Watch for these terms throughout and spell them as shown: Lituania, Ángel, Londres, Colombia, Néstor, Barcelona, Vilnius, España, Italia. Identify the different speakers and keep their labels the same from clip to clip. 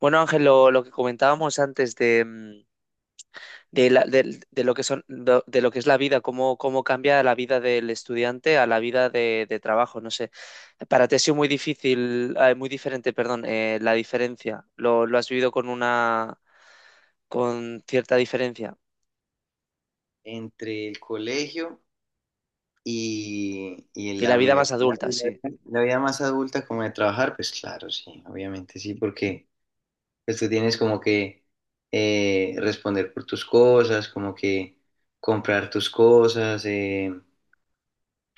Speaker 1: Bueno, Ángel, lo que comentábamos antes de, mm, de, la- del- de lo que son, lo que es la vida, cómo cambia la vida del estudiante a la vida de trabajo, no sé. Para ti ha sido muy difícil, muy diferente, perdón, la diferencia. Lo has vivido con con cierta diferencia.
Speaker 2: Entre el colegio y
Speaker 1: Y la
Speaker 2: la
Speaker 1: vida más
Speaker 2: universidad
Speaker 1: adulta,
Speaker 2: y la,
Speaker 1: sí.
Speaker 2: la vida más adulta como de trabajar, pues claro, sí, obviamente sí, porque pues, tú tienes como que responder por tus cosas, como que comprar tus cosas,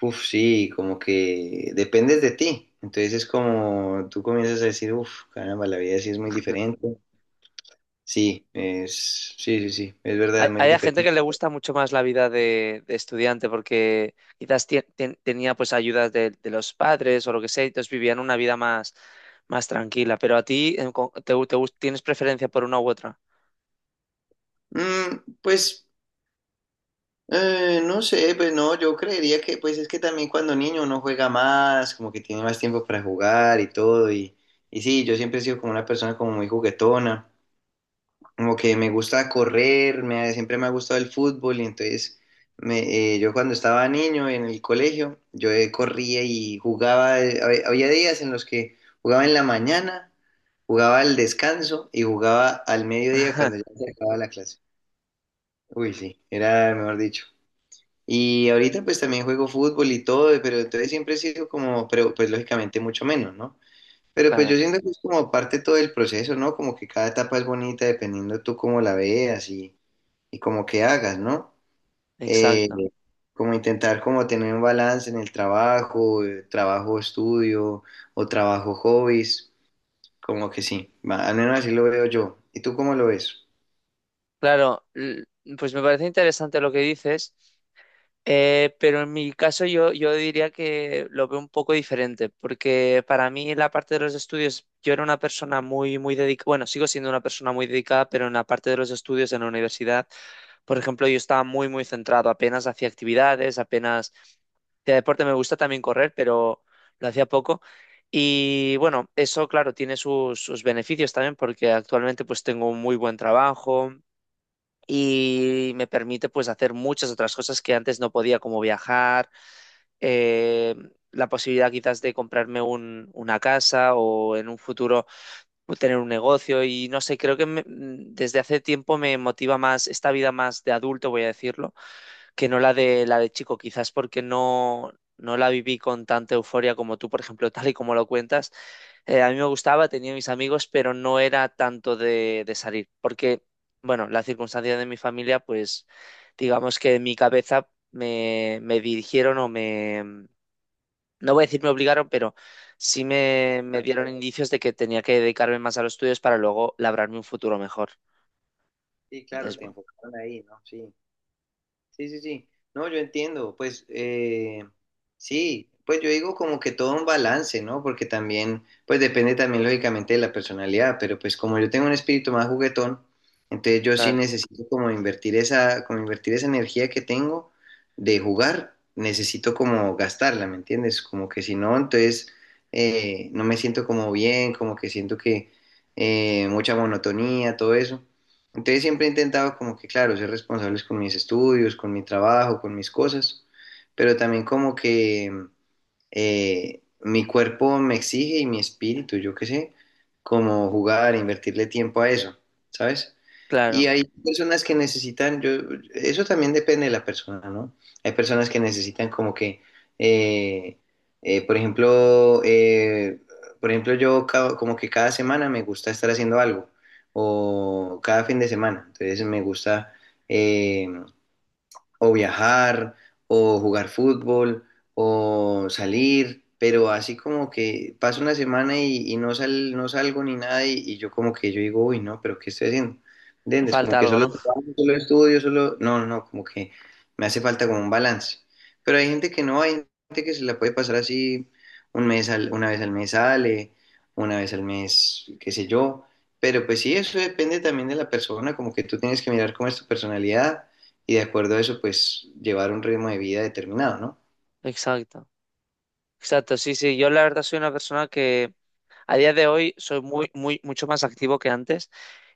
Speaker 2: uf, sí, como que dependes de ti. Entonces es como tú comienzas a decir, uff, caramba, la vida sí es muy diferente. Sí, es, sí, sí, sí, es verdad,
Speaker 1: Hay,
Speaker 2: es muy
Speaker 1: hay a gente
Speaker 2: diferente.
Speaker 1: que le gusta mucho más la vida de estudiante porque quizás tenía pues ayudas de los padres o lo que sea, y entonces vivían una vida más tranquila. Pero a ti en co- te, gu- te gus- tienes preferencia por una u otra.
Speaker 2: Mm, pues no sé, pues no, yo creería que pues es que también cuando niño uno juega más, como que tiene más tiempo para jugar y todo, y sí, yo siempre he sido como una persona como muy juguetona, como que me gusta correr, siempre me ha gustado el fútbol, y entonces yo cuando estaba niño en el colegio, yo corría y jugaba, había días en los que jugaba en la mañana, jugaba al descanso y jugaba al mediodía cuando ya se acababa la clase. Uy, sí, era mejor dicho. Y ahorita pues también juego fútbol y todo, pero entonces siempre he sido como, pero pues lógicamente mucho menos, ¿no? Pero pues yo
Speaker 1: Claro,
Speaker 2: siento que es como parte todo del proceso, ¿no? Como que cada etapa es bonita dependiendo tú cómo la veas y como que hagas, ¿no? Eh,
Speaker 1: exacto.
Speaker 2: Como intentar como tener un balance en el trabajo, trabajo estudio o trabajo hobbies, como que sí, va, al menos así lo veo yo. ¿Y tú cómo lo ves?
Speaker 1: Claro, pues me parece interesante lo que dices. Pero en mi caso yo diría que lo veo un poco diferente, porque para mí la parte de los estudios, yo era una persona muy, muy dedicada, bueno, sigo siendo una persona muy dedicada, pero en la parte de los estudios en la universidad, por ejemplo, yo estaba muy, muy centrado, apenas hacía actividades, apenas de deporte me gusta también correr, pero lo hacía poco. Y bueno, eso, claro, tiene sus beneficios también, porque actualmente pues tengo un muy buen trabajo y me permite pues hacer muchas otras cosas que antes no podía, como viajar, eh, la posibilidad quizás de comprarme una casa o en un futuro pues, tener un negocio y no sé, creo que desde hace tiempo me motiva más esta vida más de adulto, voy a decirlo, que no la de chico, quizás porque no la viví con tanta euforia como tú, por ejemplo. Tal y como lo cuentas, a mí me gustaba, tenía mis amigos, pero no era tanto de salir, porque, bueno, la circunstancia de mi familia, pues, digamos que en mi cabeza me dirigieron o me, no voy a decir me obligaron, pero sí me dieron indicios de que tenía que dedicarme más a los estudios para luego labrarme un futuro mejor.
Speaker 2: Sí, claro,
Speaker 1: Entonces,
Speaker 2: te
Speaker 1: bueno,
Speaker 2: enfocaron ahí, ¿no? Sí. Sí, sí, sí. No, yo entiendo. Pues sí, pues yo digo como que todo un balance, ¿no? Porque también, pues depende también lógicamente de la personalidad, pero pues como yo tengo un espíritu más juguetón, entonces yo sí
Speaker 1: claro,
Speaker 2: necesito como invertir esa energía que tengo de jugar, necesito como gastarla, ¿me entiendes? Como que si no, entonces no me siento como bien, como que siento que mucha monotonía, todo eso. Entonces siempre he intentado como que, claro, ser responsables con mis estudios, con mi trabajo, con mis cosas, pero también como que mi cuerpo me exige y mi espíritu, yo qué sé, como jugar, invertirle tiempo a eso, ¿sabes? Y
Speaker 1: claro,
Speaker 2: hay personas que necesitan, yo, eso también depende de la persona, ¿no? Hay personas que necesitan como que, eh, eh, por ejemplo, eh, por ejemplo, como que cada semana me gusta estar haciendo algo, o cada fin de semana, entonces me gusta eh, o viajar, o jugar fútbol, o salir, pero así como que pasa una semana y no salgo ni nada, y yo como que yo digo, uy, no, pero ¿qué estoy haciendo? ¿Entiendes? Como
Speaker 1: falta
Speaker 2: que
Speaker 1: algo,
Speaker 2: solo
Speaker 1: ¿no?
Speaker 2: trabajo, solo estudio, solo... No, no, no, como que me hace falta como un balance. Pero hay gente que no, hay gente que se la puede pasar así un una vez al mes sale, una vez al mes, qué sé yo. Pero pues sí, eso depende también de la persona, como que tú tienes que mirar cómo es tu personalidad y de acuerdo a eso, pues llevar un ritmo de vida determinado, ¿no?
Speaker 1: Exacto, exacto, sí, sí, yo la verdad soy una persona que... A día de hoy soy muy, muy, mucho más activo que antes.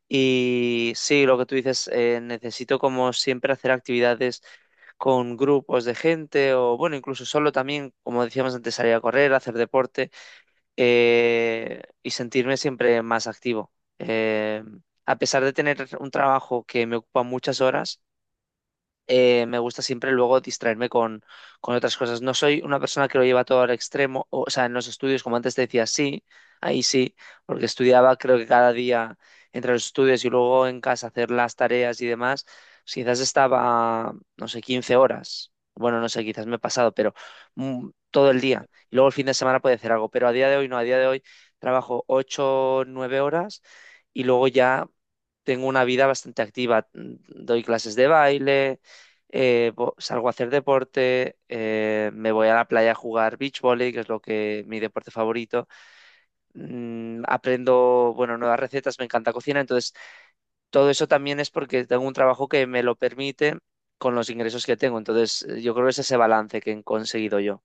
Speaker 1: Y sí, lo que tú dices, necesito como siempre hacer actividades con grupos de gente o bueno, incluso solo también, como decíamos antes, salir a correr, hacer deporte, y sentirme siempre más activo. Eh, a pesar de tener un trabajo que me ocupa muchas horas, me gusta siempre luego distraerme con otras cosas. No soy una persona que lo lleva todo al extremo, o sea, en los estudios, como antes te decía, sí, ahí sí, porque estudiaba creo que cada día entre los estudios y luego en casa hacer las tareas y demás, pues quizás estaba, no sé, 15 horas. Bueno, no sé, quizás me he pasado, pero todo el día. Y luego el fin de semana puede hacer algo, pero a día de hoy no, a día de hoy trabajo 8-9 horas y luego ya tengo una vida bastante activa. Doy clases de baile, salgo a hacer deporte, me voy a la playa a jugar beach volley, que es lo que mi deporte favorito. Aprendo, bueno, nuevas recetas, me encanta cocinar, entonces todo eso también es porque tengo un trabajo que me lo permite con los ingresos que tengo. Entonces, yo creo que es ese balance que he conseguido yo.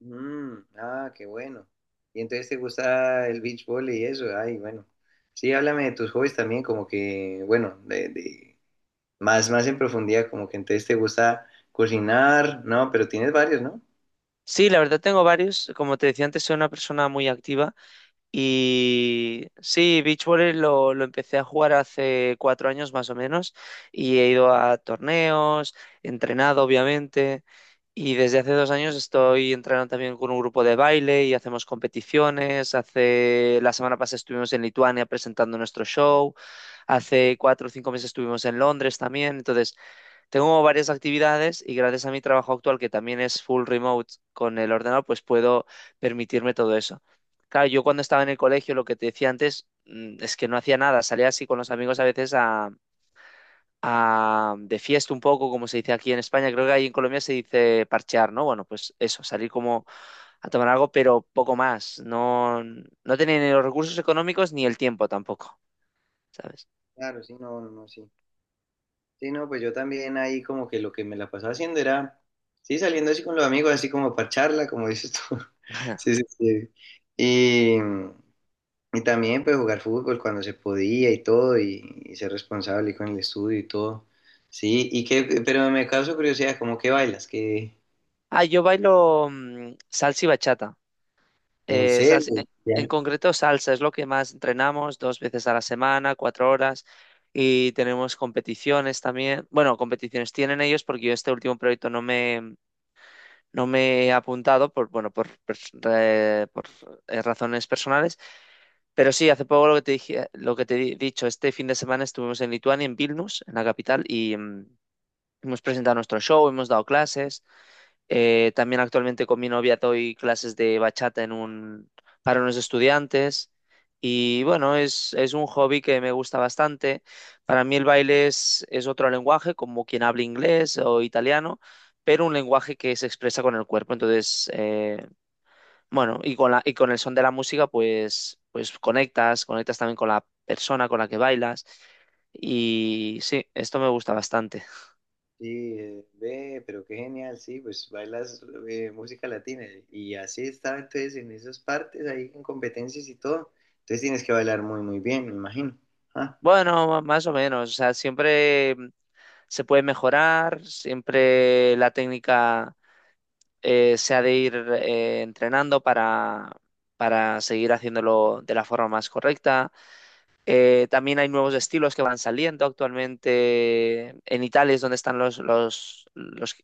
Speaker 2: Mm, ah, qué bueno. Y entonces te gusta el beach volley y eso, ay, bueno. Sí, háblame de tus hobbies también, como que, bueno, más, más en profundidad, como que entonces te gusta cocinar, ¿no? Pero tienes varios, ¿no?
Speaker 1: Sí, la verdad tengo varios. Como te decía antes, soy una persona muy activa. Y sí, beach volley lo empecé a jugar hace 4 años más o menos y he ido a torneos, he entrenado obviamente y desde hace 2 años estoy entrenando también con un grupo de baile y hacemos competiciones. Hace la semana pasada estuvimos en Lituania presentando nuestro show, hace 4 o 5 meses estuvimos en Londres también. Entonces tengo varias actividades y gracias a mi trabajo actual, que también es full remote con el ordenador, pues puedo permitirme todo eso. Claro, yo cuando estaba en el colegio, lo que te decía antes, es que no hacía nada. Salía así con los amigos a veces de fiesta un poco, como se dice aquí en España. Creo que ahí en Colombia se dice parchear, ¿no? Bueno, pues eso, salir como a tomar algo, pero poco más. No, no tenía ni los recursos económicos ni el tiempo tampoco, ¿sabes?
Speaker 2: Claro, sí, no, no, no, sí. Sí, no, pues yo también ahí como que lo que me la pasaba haciendo era, sí, saliendo así con los amigos, así como para charla, como dices tú. Sí, sí, sí. Y también pues jugar fútbol cuando se podía y todo, y ser responsable con el estudio y todo. Sí, y que, pero me causa curiosidad, ¿cómo que bailas? ¿Que
Speaker 1: Ah, yo bailo, salsa y bachata.
Speaker 2: en
Speaker 1: Eh, salsa-
Speaker 2: serio?
Speaker 1: en
Speaker 2: Ya.
Speaker 1: en concreto, salsa es lo que más entrenamos 2 veces a la semana, 4 horas, y tenemos competiciones también. Bueno, competiciones tienen ellos porque yo este último proyecto no me he apuntado por, bueno, por, pers- re- por, razones personales, pero sí, hace poco lo que te dije, lo que te he dicho, este fin de semana estuvimos en Lituania, en Vilnius, en la capital, y hemos presentado nuestro show, hemos dado clases. También actualmente con mi novia doy clases de bachata para unos estudiantes. Y bueno, es un hobby que me gusta bastante. Para mí el baile es otro lenguaje, como quien habla inglés o italiano, pero un lenguaje que se expresa con el cuerpo. Entonces, bueno, y con el son de la música, pues conectas, conectas también con la persona con la que bailas. Y sí, esto me gusta bastante.
Speaker 2: Sí, ve, pero qué genial, sí, pues bailas música latina. Y así estaba entonces en esas partes, ahí en competencias y todo. Entonces tienes que bailar muy, muy bien, me imagino. Ah,
Speaker 1: Bueno, más o menos, o sea, siempre se puede mejorar, siempre la técnica, se ha de ir, entrenando para seguir haciéndolo de la forma más correcta. También hay nuevos estilos que van saliendo actualmente. En Italia es donde están los, los, los,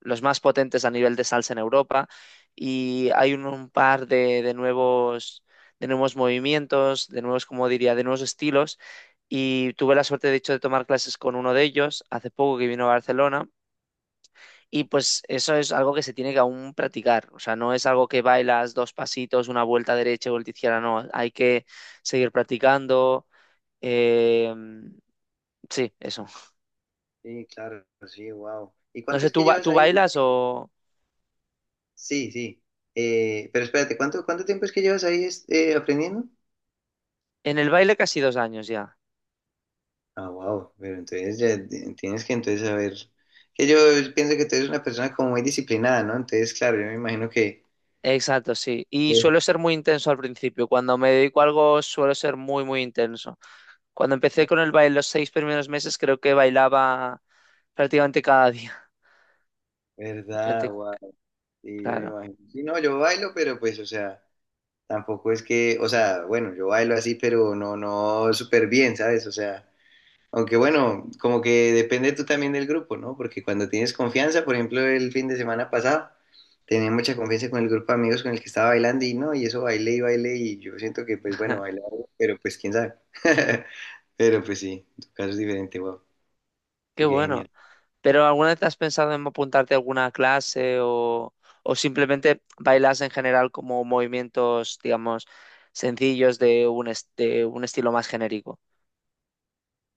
Speaker 1: los más potentes a nivel de salsa en Europa. Y hay un par de nuevos, de nuevos, movimientos, como diría, de nuevos estilos. Y tuve la suerte, de hecho, de tomar clases con uno de ellos hace poco que vino a Barcelona. Y pues eso es algo que se tiene que aún practicar. O sea, no es algo que bailas dos pasitos, una vuelta derecha, vuelta izquierda, no. Hay que seguir practicando, eh, sí, eso.
Speaker 2: sí, claro, sí, wow. ¿Y
Speaker 1: No
Speaker 2: cuánto
Speaker 1: sé,
Speaker 2: es que llevas
Speaker 1: tú
Speaker 2: ahí?
Speaker 1: bailas o...?
Speaker 2: Sí, sí. Pero espérate, ¿cuánto, cuánto tiempo es que llevas ahí aprendiendo?
Speaker 1: En el baile casi 2 años ya.
Speaker 2: Ah, wow, pero entonces ya tienes que entonces saber, que yo pienso que tú eres una persona como muy disciplinada, ¿no? Entonces, claro, yo me imagino que...
Speaker 1: Exacto, sí. Y suelo
Speaker 2: Sí.
Speaker 1: ser muy intenso al principio. Cuando me dedico a algo suelo ser muy, muy intenso. Cuando empecé con el baile los 6 primeros meses creo que bailaba prácticamente cada día.
Speaker 2: ¿Verdad?
Speaker 1: Prácticamente-
Speaker 2: Wow, sí, yo me
Speaker 1: Claro.
Speaker 2: imagino. Sí, no, yo bailo, pero pues, o sea, tampoco es que, o sea, bueno, yo bailo así, pero no, no súper bien, ¿sabes? O sea, aunque bueno, como que depende tú también del grupo, ¿no? Porque cuando tienes confianza, por ejemplo, el fin de semana pasado, tenía mucha confianza con el grupo de amigos con el que estaba bailando y no, y eso bailé y bailé y yo siento que pues bueno, bailar, pero pues quién sabe. Pero pues sí, en tu caso es diferente, wow.
Speaker 1: Qué
Speaker 2: Así que
Speaker 1: bueno.
Speaker 2: genial.
Speaker 1: ¿Pero alguna vez has pensado en apuntarte a alguna clase o, simplemente bailas en general como movimientos, digamos, sencillos de un estilo más genérico?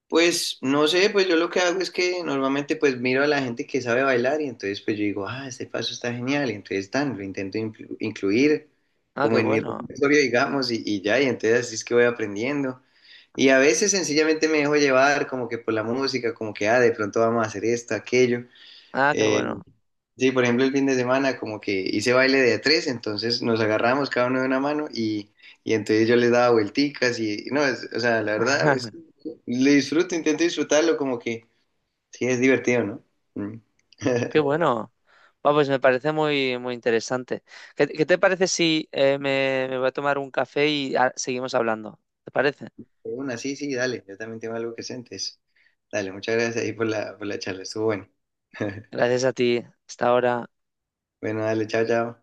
Speaker 2: Pues no sé, pues yo lo que hago es que normalmente pues miro a la gente que sabe bailar y entonces pues yo digo, ah, este paso está genial y entonces tan, lo intento incluir
Speaker 1: Ah,
Speaker 2: como
Speaker 1: qué
Speaker 2: en mi
Speaker 1: bueno.
Speaker 2: repertorio, digamos, y ya, y entonces así es que voy aprendiendo. Y a veces sencillamente me dejo llevar como que por la música, como que, ah, de pronto vamos a hacer esto, aquello.
Speaker 1: Ah, qué
Speaker 2: eh,
Speaker 1: bueno.
Speaker 2: Sí, por ejemplo, el fin de semana como que hice baile de a tres, entonces nos agarramos cada uno de una mano y entonces yo les daba vuelticas y no, o sea, la verdad, pues, le disfruto, intento disfrutarlo como que sí es divertido, ¿no? Mm.
Speaker 1: Qué bueno. Ah, pues me parece muy, muy interesante. ¿Qué te parece si me voy a tomar un café y seguimos hablando? ¿Te parece?
Speaker 2: De una, sí, sí, dale, yo también tengo algo que sientes. Dale, muchas gracias ahí por por la charla, estuvo bueno.
Speaker 1: Gracias a ti. Hasta ahora.
Speaker 2: Bueno, dale, chao, chao.